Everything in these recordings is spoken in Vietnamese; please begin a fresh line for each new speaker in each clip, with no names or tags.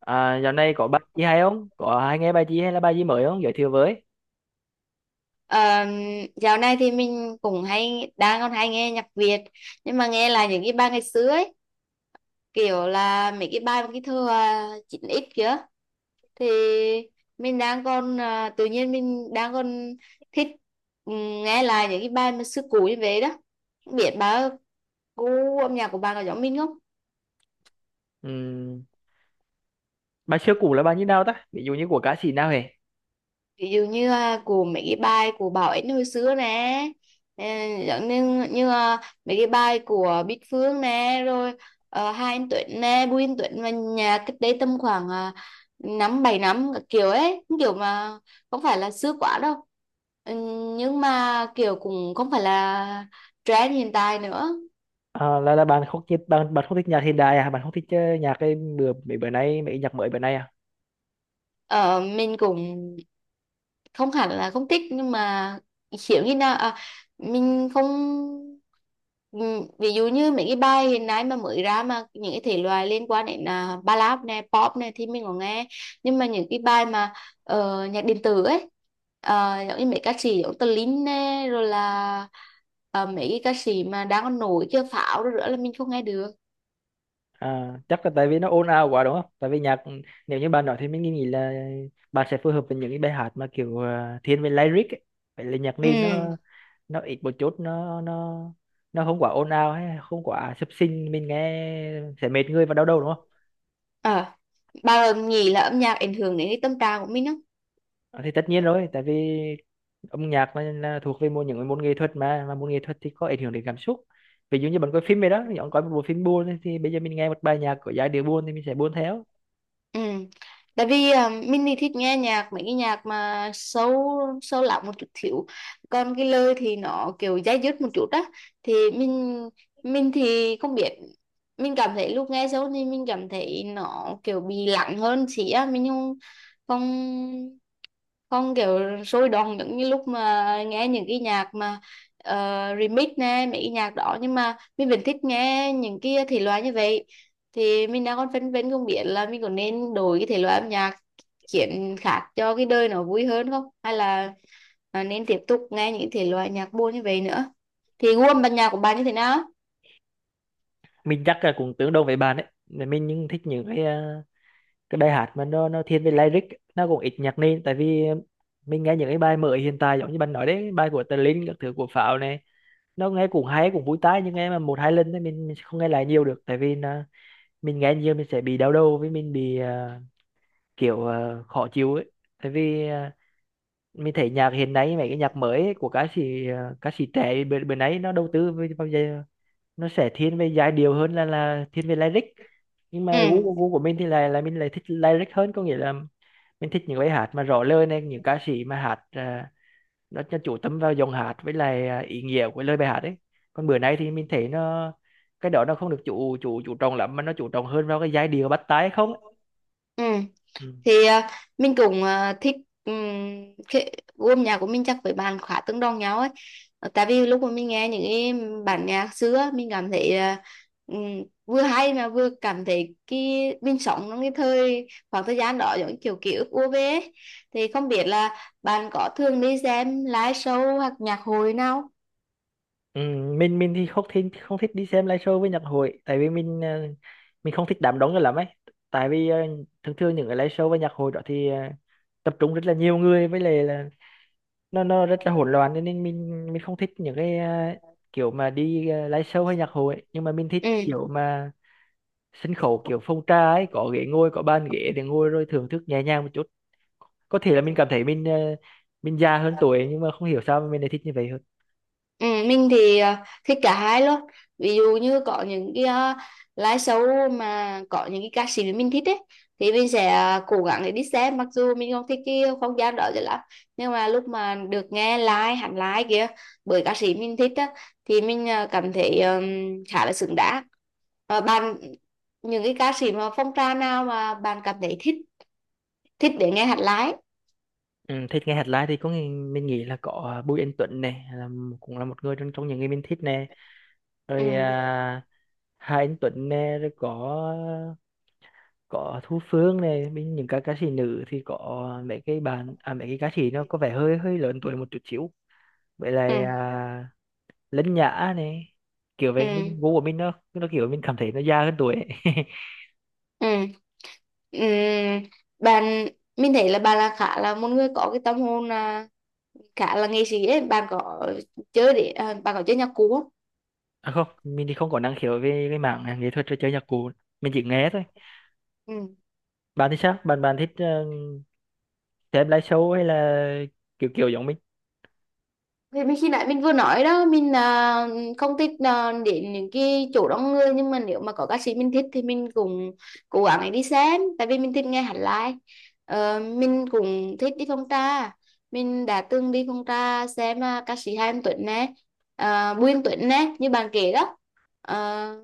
À, dạo này có bài gì hay không? Có hay nghe bài gì hay là bài gì mới không? Giới thiệu với.
Ờ, Dạo này thì mình cũng hay đang còn hay nghe nhạc Việt, nhưng mà nghe là những cái bài ngày xưa ấy, kiểu là mấy cái bài mà cái thơ 9x kia, thì mình đang còn tự nhiên mình đang còn thích, ừm, nghe lại những cái bài mà xưa cũ như vậy đó. Không biết bà, gu âm nhạc của bà có giống mình không?
Ừm, bài xưa cũ là bài như nào ta? Ví dụ như của ca sĩ nào hề?
Ví dụ như của mấy cái bài của Bảo Ánh hồi xưa nè, ờ, giống như như à, mấy cái bài của Bích Phương nè, rồi Hai Anh Tuấn nè, Bùi Anh Tuấn, và nhà cách đây tầm khoảng năm bảy năm các kiểu ấy, kiểu mà không phải là xưa quá đâu. Ừ, nhưng mà kiểu cũng không phải là trend hiện tại nữa.
À, là bạn không thích nhạc hiện đại à? Bạn không thích nhạc cái bữa mấy bữa nay mấy nhạc mới bữa nay à?
Ờ, mình cũng không hẳn là không thích, nhưng mà hiểu như nào mình không, ví dụ như mấy cái bài hiện nay mà mới ra, mà những cái thể loại liên quan đến ballad này, pop này, thì mình có nghe. Nhưng mà những cái bài mà nhạc điện tử ấy, giống như mấy ca sĩ giống Tờ Linh này, rồi là mấy cái ca sĩ mà đang còn nổi kia, Pháo, rồi nữa là mình không nghe được.
À, chắc là tại vì nó ồn ào quá đúng không? Tại vì nhạc nếu như bạn nói thì mình nghĩ là bạn sẽ phù hợp với những cái bài hát mà kiểu thiên về lyric ấy. Phải là nhạc nền
Ừ.
nó ít một chút nó nó không quá ồn ào hay không quá sập sình mình nghe sẽ mệt người và đau đầu đúng không?
à, bà nghĩ là âm nhạc ảnh hưởng đến cái tâm trạng của mình không?
Ờ, thì tất nhiên rồi tại vì âm nhạc là thuộc về một những môn nghệ thuật mà môn nghệ thuật thì có ảnh hưởng đến cảm xúc. Ví dụ như bạn coi phim vậy đó, bạn coi một bộ phim buồn ấy, thì bây giờ mình nghe một bài nhạc có giai điệu buồn thì mình sẽ buồn theo.
Ừ. Tại vì mình thì thích nghe nhạc, mấy cái nhạc mà sâu sâu lắng một chút xíu, còn cái lời thì nó kiểu dai dứt một chút á, thì mình thì không biết, mình cảm thấy lúc nghe sâu thì mình cảm thấy nó kiểu bị lặng hơn xí á, mình không không không kiểu sôi động giống như lúc mà nghe những cái nhạc mà ờ, remix nè, mấy cái nhạc đó, nhưng mà mình vẫn thích nghe những cái thể loại như vậy. Thì mình đang còn phân vân không biết là mình có nên đổi cái thể loại âm nhạc, chuyển khác cho cái đời nó vui hơn không, hay là nên tiếp tục nghe những thể loại nhạc buồn như vậy nữa? Thì gu âm ban nhạc của bạn như thế nào?
Mình chắc là cũng tương đương với bạn ấy. Mà mình nhưng thích những cái cái bài hát mà nó thiên về lyric, nó cũng ít nhạc nền tại vì mình nghe những cái bài mới hiện tại giống như bạn nói đấy, bài của Tờ Linh các thứ, của Pháo này, nó nghe cũng hay cũng vui tai nhưng nghe mà một hai lần thì mình sẽ không nghe lại nhiều được tại vì là mình nghe nhiều mình sẽ bị đau đầu, với mình bị kiểu khó chịu ấy. Tại vì mình thấy nhạc hiện nay mấy cái nhạc mới ấy, của ca sĩ ca sĩ trẻ bên bên ấy, nó đầu tư về- bao giờ nó sẽ thiên về giai điệu hơn là thiên về lyric. Nhưng
Ừ,
mà gu của mình thì là mình lại thích lyric hơn, có nghĩa là mình thích những bài hát mà rõ lời này, những ca sĩ mà hát à, nó chủ tâm vào dòng hát với lại à, ý nghĩa của lời bài hát ấy. Còn bữa nay thì mình thấy nó, cái đó nó không được chủ chủ chủ trọng lắm mà nó chủ trọng hơn vào cái giai điệu bắt tai không ấy.
ừ.
Ừ.
Thì mình cũng thích, um, cái gu âm nhạc của mình chắc với bạn khá tương đồng nhau ấy. Ờ, tại vì lúc mà mình nghe những cái bản nhạc xưa, mình cảm thấy ừm, vừa hay mà vừa cảm thấy cái, mình sống trong cái thời, khoảng thời gian đó, giống như kiểu ký ức ùa về ấy. Thì không biết là bạn có thường đi xem live show hoặc nhạc hội nào?
Ừ, mình thì không thích đi xem live show với nhạc hội, tại vì mình mình không thích đám đông cho lắm ấy. Tại vì thường thường những cái live show với nhạc hội đó thì tập trung rất là nhiều người với lại là nó rất là hỗn loạn, cho nên mình không thích những cái kiểu mà đi live show hay nhạc hội ấy. Nhưng mà mình thích
Ừ.
kiểu mà sân khấu kiểu phong trà ấy, có ghế ngồi, có bàn ghế để ngồi rồi thưởng thức nhẹ nhàng một chút. Có thể là mình cảm thấy mình mình già hơn tuổi nhưng mà không hiểu sao mà mình lại thích như vậy hơn.
Ừ, mình thì thích cả hai luôn. Ví dụ như có những cái live show mà có những cái ca sĩ mà mình thích ấy, thì mình sẽ cố gắng để đi xem, mặc dù mình không thích cái không gian đó cho lắm, nhưng mà lúc mà được nghe live, hẳn live kia, bởi ca sĩ mình thích á, thì mình cảm thấy khá là xứng đáng. Ờ, bạn, những cái ca sĩ mà phong trào nào mà bạn cảm thấy thích thích để nghe hẳn live?
Ừ, thích nghe hát live thì có nghe, mình nghĩ là có à, Bùi Anh Tuấn này là cũng là một người trong trong những người mình thích nè.
Ừ,
Rồi à, Hà Anh Tuấn nè, rồi có Thu Phương này. Bên những ca ca sĩ nữ thì có mấy cái bạn à, mấy cái ca sĩ nó có vẻ hơi hơi lớn tuổi một chút xíu, vậy là
ừ,
à, Lân Nhã này, kiểu
ừ,
vậy. Mình gu của mình nó kiểu mình cảm thấy nó già hơn tuổi ấy.
ừ. Ừm, bạn, mình thấy là bạn là khá là một người có cái tâm hồn khá là nghệ sĩ ấy. Bạn có chơi nhạc cụ
À không, mình thì không có năng khiếu về cái mảng nghệ thuật trò chơi nhạc cụ, mình chỉ nghe thôi.
không?
Bạn thì sao, bạn bạn thích xem live show hay là kiểu kiểu giống mình?
Thì mình khi nãy mình vừa nói đó, mình không thích đến những cái chỗ đông người, nhưng mà nếu mà có ca sĩ mình thích thì mình cũng cố gắng để đi xem, tại vì mình thích nghe hát live. Ờ, mình cũng thích đi phong trà, mình đã từng đi phong trà xem ca sĩ Hà Anh Tuấn nè, Bùi Anh Tuấn nè, như bạn kể đó. Ờ,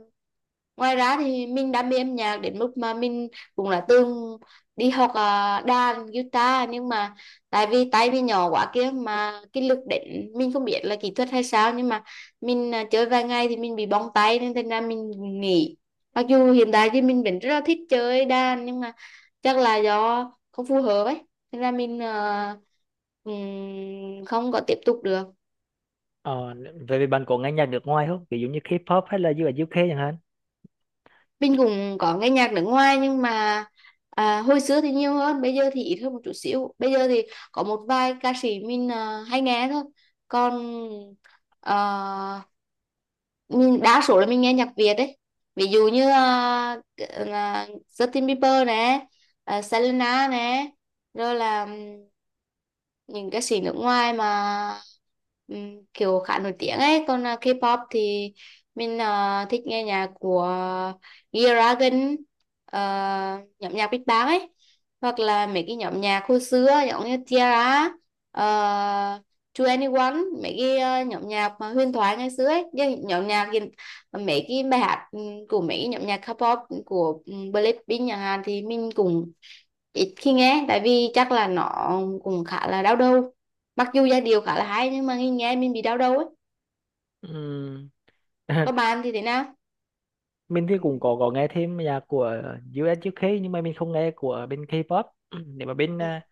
ngoài ra thì mình đam mê âm nhạc đến mức mà mình cũng đã từng đi học đàn guitar, nhưng mà tại vì tay mình nhỏ quá kia, mà cái lực đánh, mình không biết là kỹ thuật hay sao, nhưng mà mình chơi vài ngày thì mình bị bong tay, nên thành ra mình nghỉ. Mặc dù hiện tại thì mình vẫn rất là thích chơi đàn, nhưng mà chắc là do không phù hợp ấy, nên là mình không có tiếp tục được.
ờ, Về bạn có nghe nhạc nước ngoài không, ví dụ như K-pop hay là US UK chẳng hạn?
Mình cũng có nghe nhạc nước ngoài, nhưng mà hồi xưa thì nhiều hơn, bây giờ thì ít hơn một chút xíu. Bây giờ thì có một vài ca sĩ mình hay nghe thôi. Còn ờ, mình đa số là mình nghe nhạc Việt đấy. Ví dụ như Justin Bieber nè, Selena nè, rồi là những ca sĩ nước ngoài mà kiểu khá nổi tiếng ấy. Còn K-pop thì mình thích nghe nhạc của G-Dragon, ờ, nhóm nhạc Big Bang ấy, hoặc là mấy cái nhóm nhạc hồi xưa giống như Tiara, uh, 2NE1, mấy cái nhóm nhạc mà huyền thoại ngày xưa ấy. Chứ nhóm nhạc hiện- Mấy cái bài hát của mấy cái nhóm nhạc K-pop, của Blackpink chẳng hạn, thì mình cũng ít khi nghe, tại vì chắc là nó cũng khá là đau đầu, mặc dù giai điệu khá là hay, nhưng mà nghe nghe mình bị đau đầu ấy.
Ừm,
Có, bạn thì thế nào?
mình thì cũng có nghe thêm nhạc của US UK nhưng mà mình không nghe của bên K-pop. Nếu mà bên
Ừ,
à,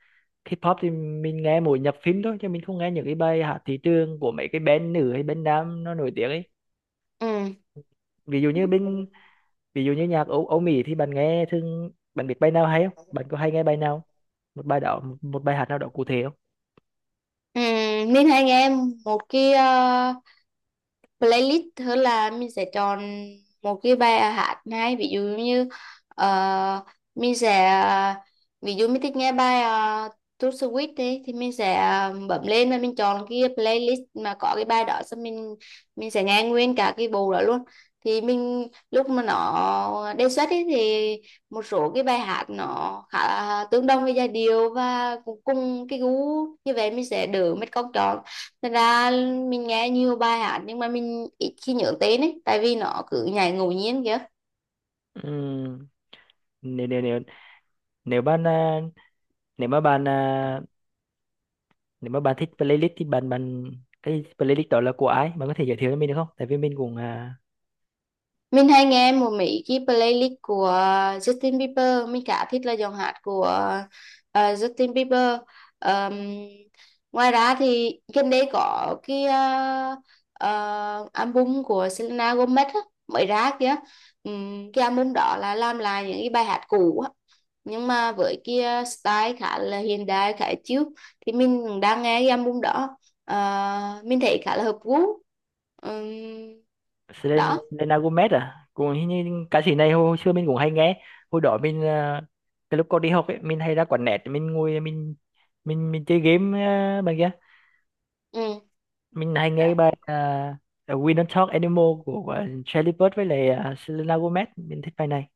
K-pop thì mình nghe mỗi nhạc phim thôi, chứ mình không nghe những cái bài hát thị trường của mấy cái band nữ hay band nam nó nổi tiếng ấy.
ừ,
ví dụ như bên Ví dụ như nhạc Âu, Âu Mỹ thì bạn nghe thường, bạn biết bài nào hay không, bạn có hay nghe bài nào một bài đó một bài hát nào đó cụ thể không?
ừ. Mình hay nghe một cái playlist, tức là mình sẽ chọn một cái bài hát hay. Ví dụ như ờ, mình sẽ, ví dụ mình thích nghe bài uh, To Sweet đi thì mình sẽ bấm lên và mình chọn cái playlist mà có cái bài đó, xong mình sẽ nghe nguyên cả cái bộ đó luôn. Thì mình lúc mà nó đề xuất ấy, thì một số cái bài hát nó khá là tương đồng với giai điệu và cũng cùng cái gu như vậy, mình sẽ đỡ mất công chọn. Thật ra mình nghe nhiều bài hát, nhưng mà mình ít khi nhớ tên ấy, tại vì nó cứ nhảy ngẫu nhiên kìa.
Ừ. Nếu nếu bạn à, nếu mà bạn à, nếu mà bạn thích playlist thì bạn bạn cái playlist đó là của ai, bạn có thể giới thiệu cho mình được không, tại vì mình cũng à,
Mình hay nghe một mấy cái playlist của Justin Bieber, mình khá thích là giọng hát của Justin Bieber. Ờm, ngoài ra thì gần đây có cái album của Selena Gomez á, mới ra kìa. Cái album đó là làm lại những cái bài hát cũ á, nhưng mà với kia style khá là hiện đại, khá chill, thì mình cũng đang nghe cái album đó. Ờ, mình thấy khá là hợp gu. Ừm,
Selen-
đó,
Selena Gomez à, cũng hình như ca sĩ này hồi xưa mình cũng hay nghe. Hồi đó mình à, cái lúc còn đi học ấy, mình hay ra quán net mình ngồi mình chơi game à, bằng kia
ừ.
mình hay nghe cái bài à, We Don't Talk Anymore của Charlie Puth với lại à, Selena Gomez, mình thích bài này.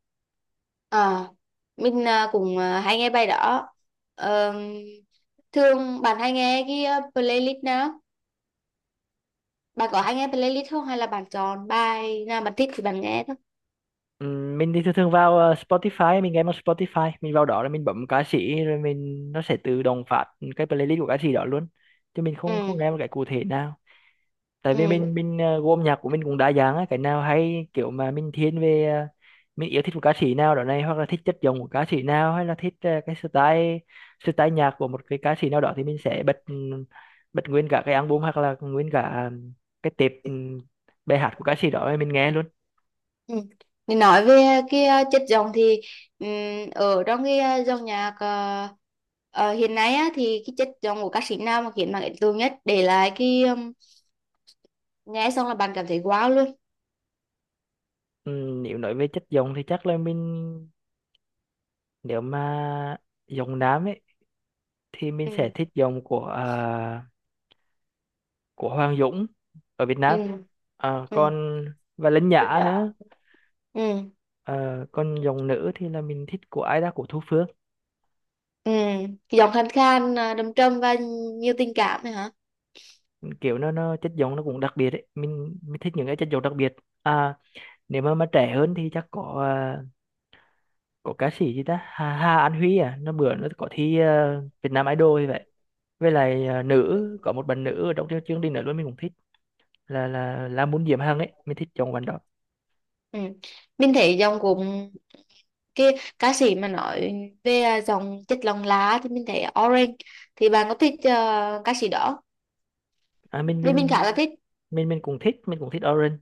Ờ, mình cũng hay nghe bài đó. Ờm, thường bạn hay nghe cái playlist nào? Bạn có hay nghe playlist không, hay là bạn chọn bài nào bạn thích thì bạn nghe thôi?
Mình thì thường thường vào Spotify, mình nghe một Spotify mình vào đó rồi mình bấm ca sĩ rồi mình nó sẽ tự động phát cái playlist của ca sĩ đó luôn, chứ mình
Ừ.
không không nghe một cái cụ thể nào. Tại vì
Ừ.
mình gu âm nhạc của mình cũng đa dạng á, cái nào hay kiểu mà mình thiên về mình yêu thích một ca sĩ nào đó này, hoặc là thích chất giọng của ca sĩ nào, hay là thích cái style style nhạc của một cái ca sĩ nào đó thì mình sẽ bật bật nguyên cả cái album, hoặc là nguyên cả cái tệp bài hát của ca sĩ đó mình nghe luôn.
Ừ. Thì nói về cái chất giọng thì, ở trong cái dòng nhạc ờ, hiện nay á, thì cái chất giọng của ca sĩ nào mà khiến bạn ấn tượng nhất, để lại cái, nghe xong là bạn cảm thấy wow luôn?
Ừ, nếu nói về chất giọng thì chắc là mình, nếu mà giọng nam ấy thì mình sẽ
Ừ.
thích giọng của à, của Hoàng Dũng ở Việt Nam.
Ừ.
À,
Ừ.
còn và Linh Nhã nữa.
Ừ.
À, còn giọng nữ thì là mình thích của ai đó, của Thu Phương.
Ừ. Cái giọng khàn khàn, đầm trầm và nhiều tình cảm này hả?
Kiểu nó chất giọng nó cũng đặc biệt ấy, mình thích những cái chất giọng đặc biệt. À, nếu mà trẻ hơn thì chắc có à, có ca sĩ gì ta, Hà An Huy, à nó bữa nó có thi à, Việt Nam Idol như vậy. Với lại à, nữ có một bạn nữ ở trong chương chương trình nữa luôn mình cũng thích, là là muốn Diễm Hằng ấy, mình thích chọn bạn đó.
Ừ. Mình thấy giọng của cái ca sĩ mà nói về giọng chất lòng lá thì mình thấy Orange, thì bạn có thích ca sĩ đó?
À mình
Vì mình khá
mình
là thích.
mình cũng thích mình cũng thích Orange,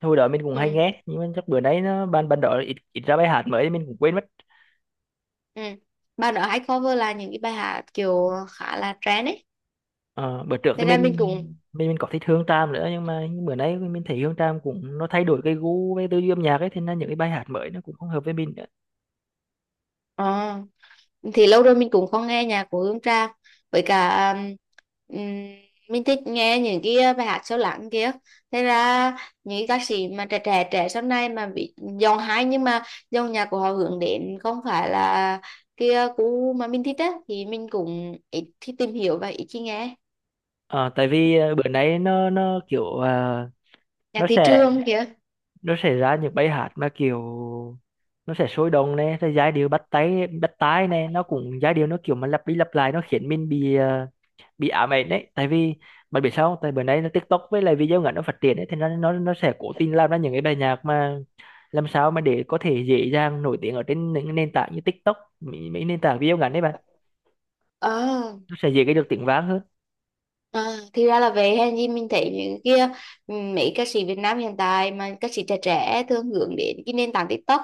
hồi đó mình cũng
Ừ.
hay nghe nhưng mà chắc bữa nay nó ban ban đó ít, ít ra bài hát mới mình cũng quên mất.
Ừ. Bài đó hay cover là những cái bài hát kiểu khá là trend ấy.
Ờ, bữa trước
Thế
thì
ra mình cũng,
mình có thích Hương Tràm nữa nhưng mà bữa nay mình thấy Hương Tràm cũng nó thay đổi cái gu với tư duy âm nhạc ấy, thế nên những cái bài hát mới nó cũng không hợp với mình nữa.
ờ, thì lâu rồi mình cũng không nghe nhạc của Hương Trang. Với cả, um, mình thích nghe những cái bài hát sâu lắng kia. Thế ra những cái ca sĩ mà trẻ trẻ trẻ sau này mà bị giọng hay, nhưng mà dòng nhạc của họ hướng đến không phải là kia cũ mà mình thích á, thì mình cũng ít khi tìm hiểu và ít khi nghe.
Ờ, tại vì bữa nay nó kiểu
Nhạc
nó
thị
sẽ
trường kia.
nó sẽ ra những bài hát mà kiểu nó sẽ sôi động này rồi giai điệu bắt tai này, nó cũng giai điệu nó kiểu mà lặp đi lặp lại, nó khiến mình bị bị ám ảnh đấy. Tại vì bạn biết sao không? Tại bữa nay nó TikTok với lại video ngắn nó phát triển ấy, thì nó nó sẽ cố tình làm ra những cái bài nhạc mà làm sao mà để có thể dễ dàng nổi tiếng ở trên những nền tảng như TikTok, mấy nền tảng video ngắn đấy bạn,
Ờ
nó sẽ dễ cái được tiếng vang hơn.
À, thì ra là vậy. Hay gì mình thấy những kia, mấy ca sĩ Việt Nam hiện tại mà ca sĩ trẻ trẻ thường hướng đến cái nền tảng TikTok.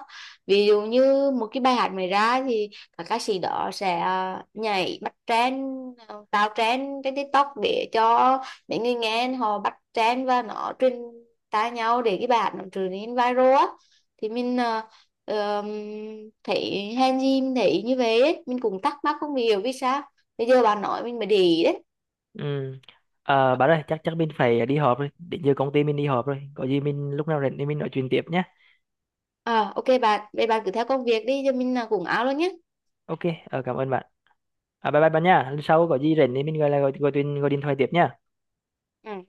Ví dụ như một cái bài hát mới ra thì các ca sĩ đó sẽ nhảy bắt trend, tạo trend trên TikTok để cho mấy người nghe họ bắt trend và nó truyền tai nhau để cái bài hát nó trở nên viral á. Thì mình ờm, thấy hay gì mình thấy như vậy ấy. Mình cũng thắc mắc không hiểu vì sao, bây giờ bà nói mình mới để ý đấy.
Ừ. À, bạn ơi chắc chắc mình phải đi họp rồi, định giờ công ty mình đi họp rồi, có gì mình lúc nào rảnh thì mình nói chuyện tiếp nhé.
À, ok bạn, vậy bạn cứ theo công việc đi, cho mình là cũng áo luôn nhé.
OK, ờ, cảm ơn bạn. À, bye bye bạn nha. Lần sau có gì rảnh thì mình gọi là gọi, gọi điện thoại tiếp nha.
Ừ.